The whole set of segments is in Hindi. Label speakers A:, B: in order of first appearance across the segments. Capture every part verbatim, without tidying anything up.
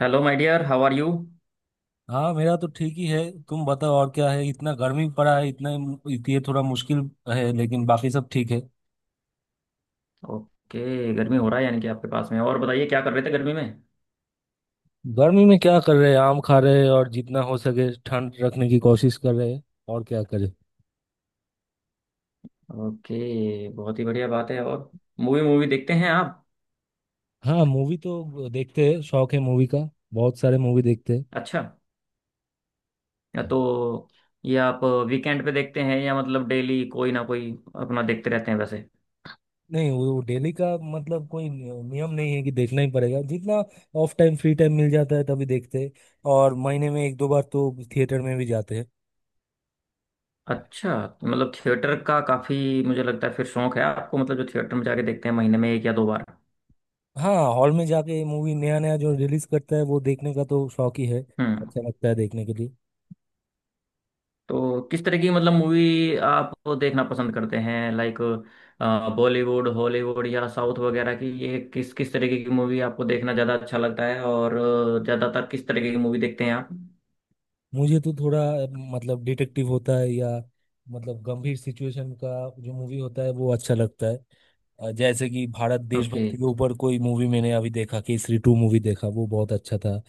A: Hello my dear how are you.
B: हाँ मेरा तो ठीक ही है। तुम बताओ और क्या है इतना गर्मी पड़ा है इतना। ये थोड़ा मुश्किल है लेकिन बाकी सब ठीक है।
A: ओके। गर्मी हो रहा है यानी कि आपके पास में। और बताइए, क्या कर रहे थे गर्मी में?
B: गर्मी में क्या कर रहे हैं आम खा रहे हैं और जितना हो सके ठंड रखने की कोशिश कर रहे हैं। और क्या करें।
A: ओके, बहुत ही बढ़िया बात है। और मूवी मूवी देखते हैं आप?
B: हाँ मूवी तो देखते हैं शौक है मूवी का। बहुत सारे मूवी देखते हैं।
A: अच्छा। या तो ये आप वीकेंड पे देखते हैं, या मतलब डेली कोई ना कोई अपना देखते रहते हैं वैसे?
B: नहीं वो डेली का मतलब कोई नि- नियम नहीं है कि देखना ही पड़ेगा, जितना ऑफ टाइम फ्री टाइम मिल जाता है तभी देखते हैं। और महीने में एक दो बार तो थिएटर में भी जाते हैं।
A: अच्छा, तो मतलब थिएटर का काफी, मुझे लगता है, फिर शौक है आपको। मतलब जो थिएटर में जाके देखते हैं महीने में एक या दो बार।
B: हाँ हॉल में जाके मूवी नया नया जो रिलीज करता है वो देखने का तो शौक ही है।
A: हम्म।
B: अच्छा लगता है देखने के लिए।
A: तो किस तरह की मतलब मूवी आप देखना पसंद करते हैं? लाइक, बॉलीवुड, हॉलीवुड या साउथ वगैरह की? ये किस किस तरीके की मूवी आपको देखना ज़्यादा अच्छा लगता है? और अ, ज़्यादातर किस तरीके की मूवी देखते हैं आप?
B: मुझे तो थोड़ा अ, मतलब डिटेक्टिव होता है या मतलब गंभीर सिचुएशन का जो मूवी होता है वो अच्छा लगता है। अ, जैसे कि भारत
A: ओके।
B: देशभक्ति के ऊपर कोई मूवी मैंने अभी देखा, केसरी टू मूवी देखा, वो बहुत अच्छा था।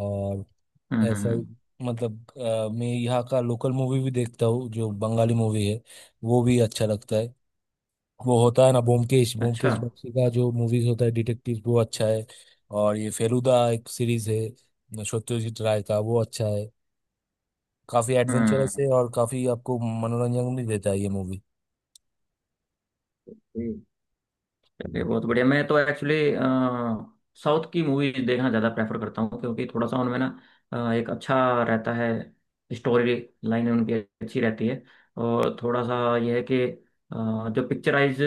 B: और
A: हम्म हम्म
B: ऐसा ही
A: हम्म,
B: मतलब अ, मैं यहाँ का लोकल मूवी भी देखता हूँ जो बंगाली मूवी है। वो भी अच्छा लगता है। वो होता है ना ब्योमकेश
A: अच्छा।
B: ब्योमकेश बख्शी का जो मूवीज होता है डिटेक्टिव, वो अच्छा है। और ये फेलुदा एक सीरीज है सत्यजीत राय का, वो अच्छा है। काफी एडवेंचरस है
A: हम्म।
B: और काफी आपको मनोरंजन भी देता है ये मूवी।
A: चलिए, बहुत बढ़िया। मैं तो एक्चुअली साउथ की मूवीज देखना ज़्यादा प्रेफर करता हूँ, क्योंकि थोड़ा सा उनमें ना अ, एक अच्छा रहता है, स्टोरी लाइन उनकी अच्छी रहती है। और थोड़ा सा यह है कि अ, जो पिक्चराइज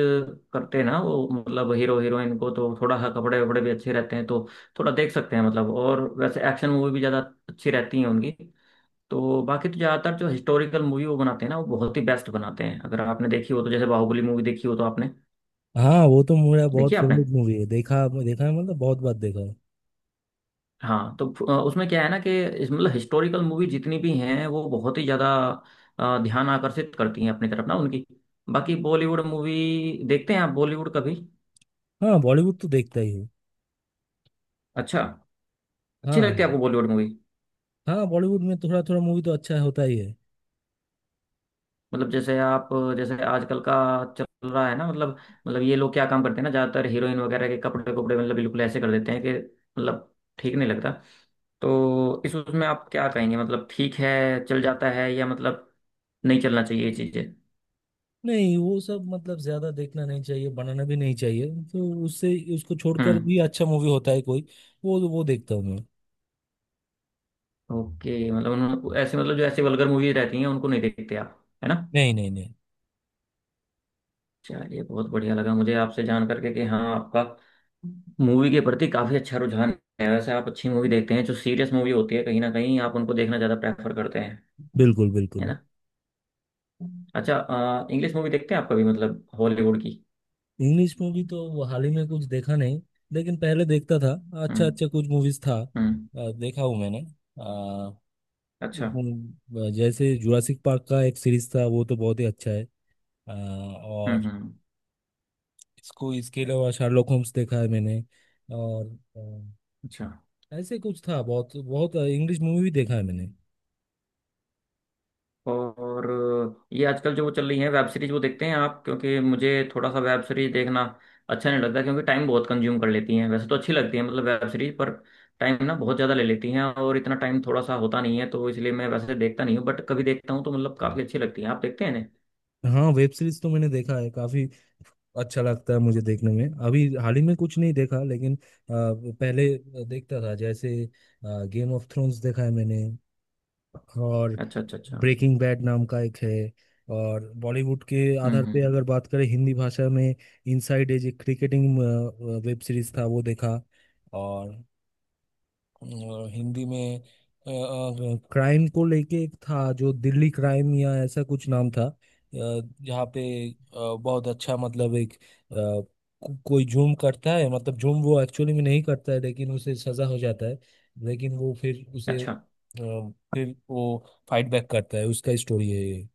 A: करते हैं ना वो मतलब हीरो हीरोइन को तो थोड़ा सा कपड़े वपड़े भी अच्छे रहते हैं, तो थोड़ा देख सकते हैं मतलब। और वैसे एक्शन मूवी भी ज़्यादा अच्छी रहती हैं उनकी। तो बाकी तो ज़्यादातर जो हिस्टोरिकल मूवी वो बनाते हैं ना, वो बहुत ही बेस्ट बनाते हैं। अगर आपने देखी हो तो, जैसे बाहुबली मूवी देखी हो तो आपने?
B: हाँ वो तो मेरा बहुत
A: देखी है आपने?
B: फेवरेट मूवी है, देखा देखा है मतलब बहुत बार देखा है।
A: हाँ तो फ- अ, उसमें क्या है ना कि इस मतलब हिस्टोरिकल मूवी जितनी भी हैं वो बहुत ही ज़्यादा अ, ध्यान आकर्षित करती हैं अपनी तरफ ना उनकी। बाकी बॉलीवुड मूवी देखते हैं आप, बॉलीवुड कभी?
B: हाँ बॉलीवुड तो देखता ही हूँ।
A: अच्छा, अच्छी लगती
B: हाँ।
A: है आपको बॉलीवुड मूवी?
B: हाँ बॉलीवुड में थोड़ा थोड़ा मूवी तो अच्छा होता ही है।
A: मतलब जैसे आप, जैसे आजकल का चल रहा है ना मतलब मतलब ये लोग क्या काम करते हैं ना, ज़्यादातर हीरोइन वगैरह के कपड़े कपड़े मतलब बिल्कुल ऐसे कर देते हैं कि मतलब ठीक नहीं लगता। तो इस उसमें आप क्या कहेंगे? मतलब ठीक है, चल जाता है? या मतलब नहीं चलना चाहिए ये चीज़ें?
B: नहीं वो सब मतलब ज्यादा देखना नहीं चाहिए, बनाना भी नहीं चाहिए। तो उससे उसको छोड़कर
A: हम्म।
B: भी अच्छा मूवी होता है कोई। वो वो देखता हूँ मैं।
A: ओके, मतलब उन्होंने ऐसे, मतलब जो ऐसी वल्गर मूवीज रहती हैं उनको नहीं देखते आप, है ना?
B: नहीं, नहीं, नहीं।
A: चलिए बहुत बढ़िया लगा मुझे आपसे जान करके कि हाँ, आपका मूवी के प्रति काफी अच्छा रुझान है। वैसे आप अच्छी मूवी देखते हैं, जो सीरियस मूवी होती है, कहीं ना कहीं आप उनको देखना ज्यादा प्रेफर करते हैं,
B: बिल्कुल,
A: है
B: बिल्कुल।
A: ना? अच्छा, इंग्लिश मूवी देखते हैं आप कभी? मतलब हॉलीवुड की?
B: इंग्लिश मूवी तो हाल ही में कुछ देखा नहीं। लेकिन पहले देखता था। अच्छा
A: हम्म
B: अच्छा कुछ मूवीज था
A: हम्म।
B: अ, देखा हूँ मैंने। अ,
A: अच्छा।
B: उम, जैसे जुरासिक पार्क का एक सीरीज था, वो तो बहुत ही अच्छा है। अ,
A: हम्म
B: और
A: हम्म।
B: इसको इसके अलावा शार्लोक होम्स देखा है मैंने। और अ,
A: अच्छा।
B: ऐसे कुछ था, बहुत बहुत इंग्लिश मूवी भी देखा है मैंने।
A: और ये आजकल जो वो चल रही है वेब सीरीज, वो देखते हैं आप? क्योंकि मुझे थोड़ा सा वेब सीरीज देखना अच्छा नहीं लगता, क्योंकि टाइम बहुत कंज्यूम कर लेती हैं। वैसे तो अच्छी लगती है मतलब वेब सीरीज, पर टाइम ना बहुत ज़्यादा ले लेती हैं, और इतना टाइम थोड़ा सा होता नहीं है, तो इसलिए मैं वैसे देखता नहीं हूँ, बट कभी देखता हूँ तो मतलब काफ़ी अच्छी लगती है। आप देखते हैं ना?
B: हाँ वेब सीरीज तो मैंने देखा है काफी। अच्छा लगता है मुझे देखने में, अभी हाल ही में कुछ नहीं देखा लेकिन अ, पहले देखता था, जैसे गेम ऑफ थ्रोन्स देखा है मैंने। और
A: अच्छा, अच्छा, अच्छा।
B: ब्रेकिंग बैड नाम का एक है। और बॉलीवुड के
A: हम्म
B: आधार पे
A: हम्म।
B: अगर बात करें हिंदी भाषा में, इनसाइड एज एक क्रिकेटिंग वेब सीरीज था वो देखा। और और हिंदी में क्राइम को लेके एक था जो दिल्ली क्राइम या ऐसा कुछ नाम था, अ, जहाँ पे अ, बहुत अच्छा, मतलब एक अ, को, कोई जूम करता है, मतलब जूम वो एक्चुअली में नहीं करता है लेकिन उसे सजा हो जाता है। लेकिन वो फिर उसे अ,
A: अच्छा।
B: फिर वो फाइट बैक करता है, उसका स्टोरी है ये।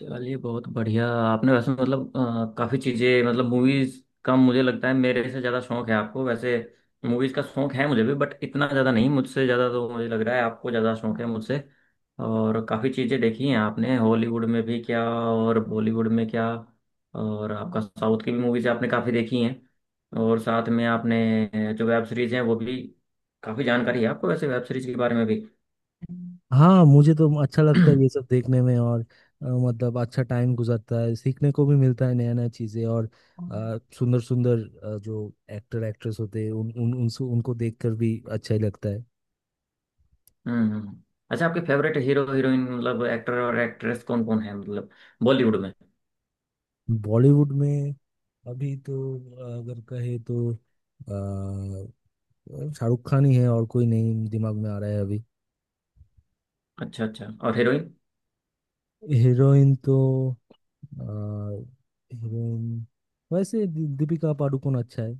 A: चलिए बहुत बढ़िया। आपने वैसे मतलब काफ़ी चीज़ें, मतलब मूवीज़ का, मुझे लगता है मेरे से ज़्यादा शौक है आपको। वैसे मूवीज़ का शौक है मुझे भी, बट इतना ज़्यादा नहीं। मुझसे ज़्यादा, तो मुझे लग रहा है आपको ज़्यादा शौक है मुझसे। और काफ़ी चीज़ें देखी हैं आपने, हॉलीवुड में भी क्या और बॉलीवुड में क्या, और आपका साउथ की भी मूवीज़ आपने काफ़ी देखी हैं, और साथ में आपने जो वेब सीरीज़ हैं वो भी, काफ़ी जानकारी है आपको वैसे वेब सीरीज़ के बारे में भी।
B: हाँ मुझे तो अच्छा लगता है ये सब देखने में, और अ, मतलब अच्छा टाइम गुजरता है, सीखने को भी मिलता है नया नया चीज़ें। और सुंदर सुंदर जो एक्टर एक्ट्रेस होते हैं, उन उन उनसे उनको देखकर भी अच्छा ही लगता है।
A: हम्म हम्म। हम्म। अच्छा, आपके फेवरेट हीरो हीरोइन मतलब एक्टर और एक्ट्रेस कौन कौन है, मतलब बॉलीवुड में?
B: बॉलीवुड में अभी तो अ, अगर कहे तो अ, शाहरुख खान ही है, और कोई नहीं दिमाग में आ रहा है अभी।
A: अच्छा अच्छा। और हीरोइन?
B: हीरोइन तो अ, हीरोइन वैसे दीपिका पादुकोण अच्छा है।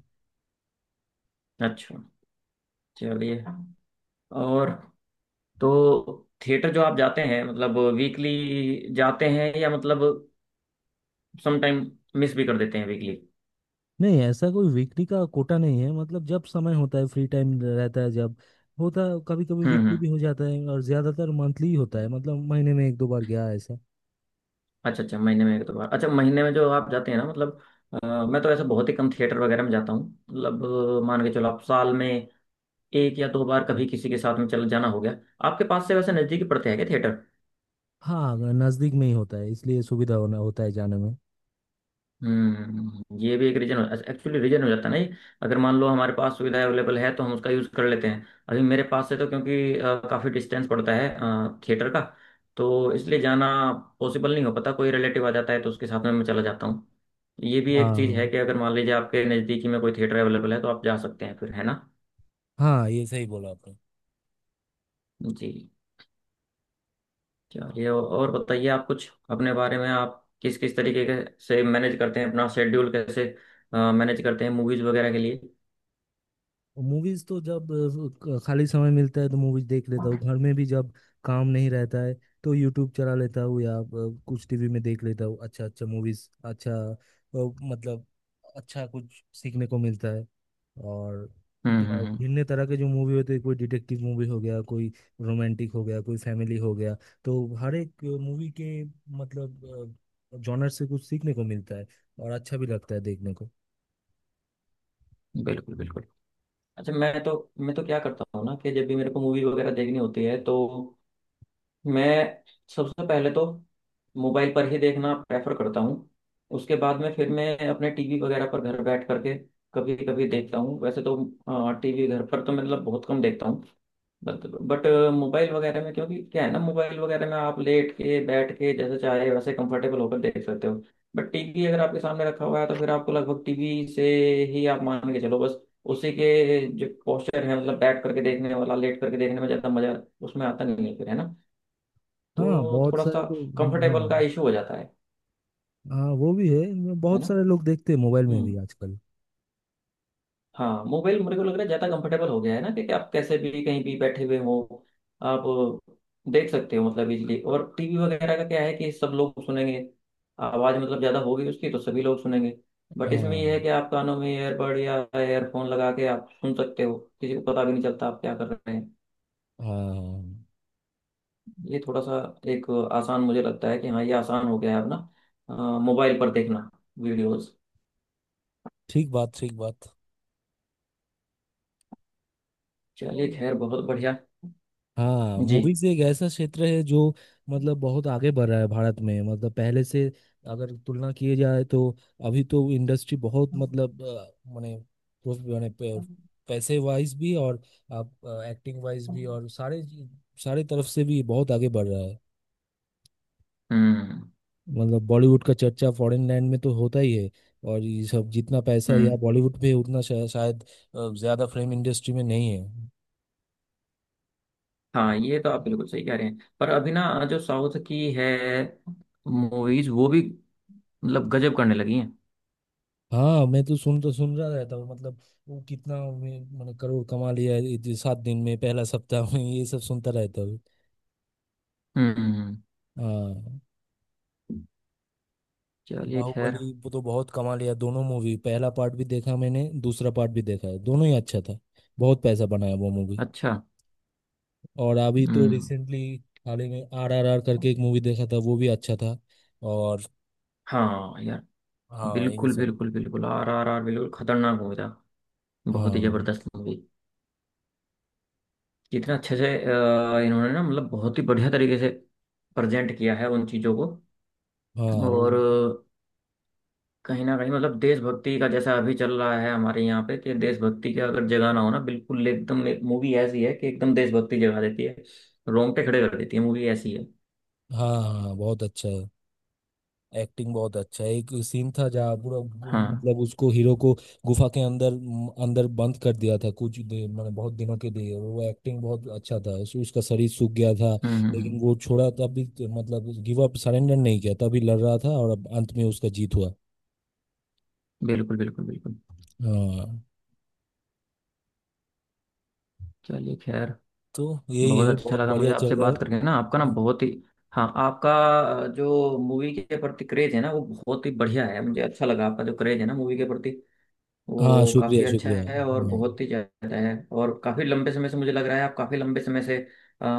A: अच्छा चलिए। और तो थिएटर जो आप जाते हैं मतलब वीकली जाते हैं, या मतलब समटाइम मिस भी कर देते हैं वीकली?
B: नहीं ऐसा कोई वीकली का कोटा नहीं है, मतलब जब समय होता है फ्री टाइम रहता है जब होता है, कभी कभी
A: हम्म
B: वीकली
A: हम्म।
B: भी हो जाता है और ज्यादातर मंथली ही होता है, मतलब महीने में एक दो बार गया ऐसा।
A: अच्छा अच्छा, महीने में एक दो बार। अच्छा, महीने में जो आप जाते हैं ना मतलब, अ, मैं तो ऐसे बहुत ही कम थिएटर वगैरह में जाता हूँ। मतलब अ, मान के चलो आप साल में एक या दो बार कभी किसी के साथ में चल जाना हो गया। आपके पास से वैसे नज़दीकी पड़ते हैं क्या थिएटर?
B: हाँ नजदीक में ही होता है इसलिए सुविधा होना होता है जाने में।
A: हम्म, ये भी एक रीजन हो, एक्चुअली रीजन हो जाता है ना ये। अगर मान लो हमारे पास सुविधा अवेलेबल है तो हम उसका यूज़ कर लेते हैं। अभी मेरे पास से तो क्योंकि अ, काफ़ी डिस्टेंस पड़ता है थिएटर का, तो इसलिए जाना पॉसिबल नहीं हो पाता। कोई रिलेटिव आ जाता है तो उसके साथ में मैं चला जाता हूँ। ये भी एक
B: हाँ,
A: चीज़ है
B: हाँ।
A: कि अगर मान लीजिए आपके नज़दीकी में कोई थिएटर अवेलेबल है तो आप जा सकते हैं फिर, है ना?
B: हाँ, ये सही बोला आपने।
A: जी। चलिए और बताइए, आप कुछ अपने बारे में, आप किस किस तरीके के से मैनेज करते हैं अपना शेड्यूल? कैसे मैनेज करते हैं मूवीज़ वगैरह के लिए?
B: मूवीज तो जब अ, ख- खाली समय मिलता है तो मूवीज देख लेता हूँ, घर में भी जब काम नहीं रहता है तो यूट्यूब चला लेता हूँ या अ, कुछ टीवी में देख लेता हूँ। अच्छा अच्छा मूवीज, अच्छा अ, मतलब अच्छा कुछ सीखने को मिलता है। और
A: हम्म
B: ब-
A: हम्म हम्म।
B: भिन्न तरह के जो मूवी होते हैं, कोई डिटेक्टिव मूवी हो गया, कोई रोमांटिक हो गया, कोई फैमिली हो गया, तो हर एक मूवी के मतलब जॉनर से कुछ सीखने को मिलता है और अच्छा भी लगता है देखने को।
A: बिल्कुल बिल्कुल। अच्छा, मैं तो मैं तो क्या करता हूँ ना कि जब भी मेरे को मूवी वगैरह देखनी होती है तो मैं सबसे पहले तो मोबाइल पर ही देखना प्रेफर करता हूँ। उसके बाद में फिर मैं अपने टीवी वगैरह पर घर बैठ करके कभी कभी देखता हूँ। वैसे तो टीवी घर पर तो मतलब बहुत कम देखता हूँ, बट बट मोबाइल वगैरह में, क्योंकि क्या है ना, मोबाइल वगैरह में आप लेट के बैठ के जैसे चाहे वैसे कंफर्टेबल होकर देख सकते हो। बट टीवी अगर आपके सामने रखा हुआ है तो फिर आपको लगभग टीवी से ही, आप मान के चलो, बस उसी के जो पोस्चर है मतलब बैठ करके देखने वाला, लेट करके देखने में ज्यादा मजा उसमें आता नहीं है फिर, है ना?
B: हाँ
A: तो
B: बहुत
A: थोड़ा सा
B: सारे तो। हाँ।
A: कंफर्टेबल का इशू हो जाता है।
B: हाँ वो भी है, इनमें
A: है
B: बहुत
A: ना।
B: सारे लोग देखते हैं मोबाइल में
A: हम्म।
B: भी आजकल।
A: हाँ, मोबाइल मेरे को लग रहा है ज़्यादा कंफर्टेबल हो गया है ना कि, कि आप कैसे भी कहीं भी बैठे हुए हो, आप देख सकते हो मतलब इजीली। और टीवी वगैरह का क्या है कि सब लोग सुनेंगे, आवाज़ मतलब ज़्यादा होगी उसकी, तो सभी लोग सुनेंगे। बट इसमें यह है
B: हाँ।
A: कि आप कानों में ईयरबड या एयरफोन लगा के आप सुन सकते हो, किसी को पता भी नहीं चलता आप क्या कर रहे हैं।
B: हाँ।
A: ये थोड़ा सा एक आसान, मुझे लगता है कि हाँ, ये आसान हो गया है अपना मोबाइल पर देखना वीडियोस।
B: ठीक बात, ठीक बात।
A: चलिए
B: और-
A: खैर, बहुत बढ़िया।
B: हाँ
A: जी।
B: मूवीज एक ऐसा क्षेत्र है जो मतलब बहुत आगे बढ़ रहा है भारत में, मतलब पहले से अगर तुलना किए जाए तो अभी तो इंडस्ट्री बहुत, मतलब अ, माने उस- माने पे- पैसे वाइज भी और आप एक्टिंग वाइज भी, और सारे सारे तरफ से भी बहुत आगे बढ़ रहा है।
A: हम्म
B: मतलब बॉलीवुड का चर्चा फॉरेन लैंड में तो होता ही है। और ये सब जितना पैसा यहाँ
A: हम्म।
B: बॉलीवुड पे है, उतना शा, शायद अ, ज्यादा फिल्म इंडस्ट्री में नहीं है।
A: हाँ ये तो आप बिल्कुल सही कह रहे हैं, पर अभी ना जो साउथ की है मूवीज वो भी मतलब गजब करने लगी हैं।
B: हाँ मैं तो सुन तो सुन रहा रहता हूँ, मतलब वो कितना में- मतलब करोड़ कमा लिया है, ये सात दिन में, पहला सप्ताह में, ये सब सुनता रहता हूँ।
A: हम्म।
B: हाँ।
A: चलिए खैर।
B: बाहुबली वो तो बहुत कमा लिया, दोनों मूवी पहला पार्ट भी देखा मैंने, दूसरा पार्ट भी देखा है, दोनों ही अच्छा था। बहुत पैसा बनाया वो मूवी।
A: अच्छा।
B: और अभी तो
A: हम्म।
B: रिसेंटली हाल ही में आर आर आर करके एक मूवी देखा था, वो भी अच्छा था। और
A: हाँ यार।
B: हाँ ये
A: बिल्कुल
B: सब।
A: बिल्कुल बिल्कुल, आर आर आर बिल्कुल खतरनाक मूवी था। बहुत ही
B: हाँ।
A: जबरदस्त मूवी। जितना अच्छे से अ, इन्होंने ना मतलब बहुत ही बढ़िया तरीके से प्रेजेंट किया है उन चीज़ों को।
B: हाँ वो-
A: और कहीं ना कहीं मतलब देशभक्ति का, जैसा अभी चल रहा है हमारे यहाँ पे कि देशभक्ति का अगर जगाना हो ना बिल्कुल, एकदम एक मूवी ऐसी है कि एकदम देशभक्ति जगा देती है। रोंगटे खड़े कर देती है, मूवी ऐसी है।
B: हाँ, हाँ बहुत अच्छा है, एक्टिंग बहुत अच्छा है। एक सीन था जहाँ पूरा गु-
A: हाँ।
B: मतलब उसको, हीरो को गुफा के अंदर म, अंदर बंद कर दिया था कुछ दे- मैंने, बहुत दिनों के लिए वो, एक्टिंग बहुत अच्छा था, उस, उसका शरीर सूख गया था।
A: हम्म हम्म हम्म,
B: लेकिन वो छोड़ा तब भी, मतलब गिव अप सरेंडर नहीं किया, तभी लड़ रहा था और अब अंत में उसका जीत हुआ।
A: बिल्कुल बिल्कुल बिल्कुल।
B: हाँ
A: चलिए खैर।
B: तो यही
A: बहुत
B: है,
A: अच्छा
B: बहुत
A: लगा मुझे
B: बढ़िया चल
A: आपसे
B: रहा है।
A: बात करके ना, आपका ना बहुत ही, हाँ आपका अ, जो मूवी के प्रति क्रेज है ना वो बहुत ही बढ़िया है। मुझे अच्छा लगा आपका, जो क्रेज है ना मूवी के प्रति
B: हाँ,
A: वो
B: शुक्रिया,
A: काफ़ी अच्छा
B: शुक्रिया।
A: है और
B: हम्म।
A: बहुत ही ज़्यादा है। और काफ़ी लंबे समय से, मुझे लग रहा है आप काफ़ी लंबे समय से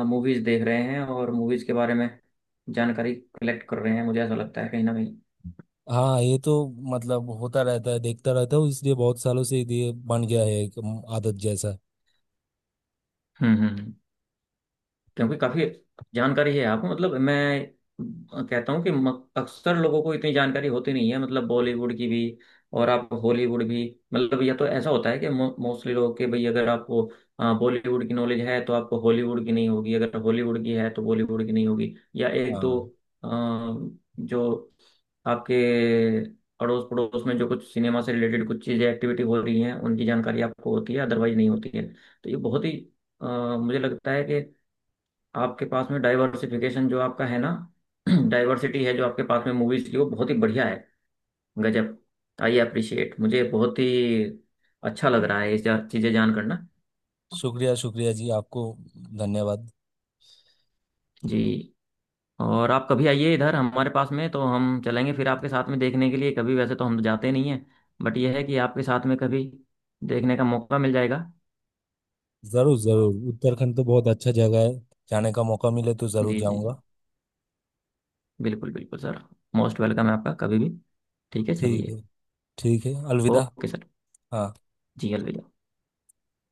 A: मूवीज़ देख रहे हैं और मूवीज़ के बारे में जानकारी कलेक्ट कर रहे हैं, मुझे ऐसा लगता है कहीं ना कहीं।
B: हाँ ये तो मतलब होता रहता है, देखता रहता हूँ इसलिए, बहुत सालों से ये बन गया है एक आदत जैसा।
A: हम्म हम्म। क्योंकि काफी जानकारी है आपको, मतलब मैं कहता हूँ कि म- अक्सर लोगों को इतनी जानकारी होती नहीं है, मतलब बॉलीवुड की भी और आप हॉलीवुड भी। मतलब या तो ऐसा होता है कि मोस्टली लोग के, भाई अगर आपको बॉलीवुड की नॉलेज है तो आपको हॉलीवुड की नहीं होगी, अगर हॉलीवुड की है तो बॉलीवुड की नहीं होगी। या एक दो
B: हाँ,
A: अ, जो आपके अड़ोस पड़ोस में जो कुछ सिनेमा से रिलेटेड कुछ चीज़ें एक्टिविटी हो रही हैं, उनकी जानकारी आपको होती है, अदरवाइज नहीं होती है। तो ये बहुत ही अ, मुझे लगता है आपके पास में डाइवर्सिफिकेशन जो आपका है ना डाइवर्सिटी है जो आपके पास में मूवीज की, वो बहुत ही बढ़िया है। गजब। आई अप्रिशिएट, मुझे बहुत ही अच्छा लग रहा है ये जा- चीज़ें जान करना।
B: शुक्रिया, शुक्रिया जी, आपको धन्यवाद।
A: जी, और आप कभी आइए इधर हमारे पास में तो हम चलेंगे फिर आपके साथ में देखने के लिए कभी। वैसे तो हम तो जाते नहीं हैं, बट यह है कि आपके साथ में कभी देखने का मौका मिल जाएगा।
B: जरूर, जरूर, उत्तराखंड तो बहुत अच्छा जगह है, जाने का मौका मिले तो जरूर
A: जी जी जी।
B: जाऊंगा।
A: बिल्कुल बिल्कुल सर। मोस्ट वेलकम है आपका कभी भी। ठीक है,
B: ठीक
A: चलिए।
B: है। ठीक है, अलविदा।
A: Okay sir.
B: हाँ।
A: जी, अलविदा।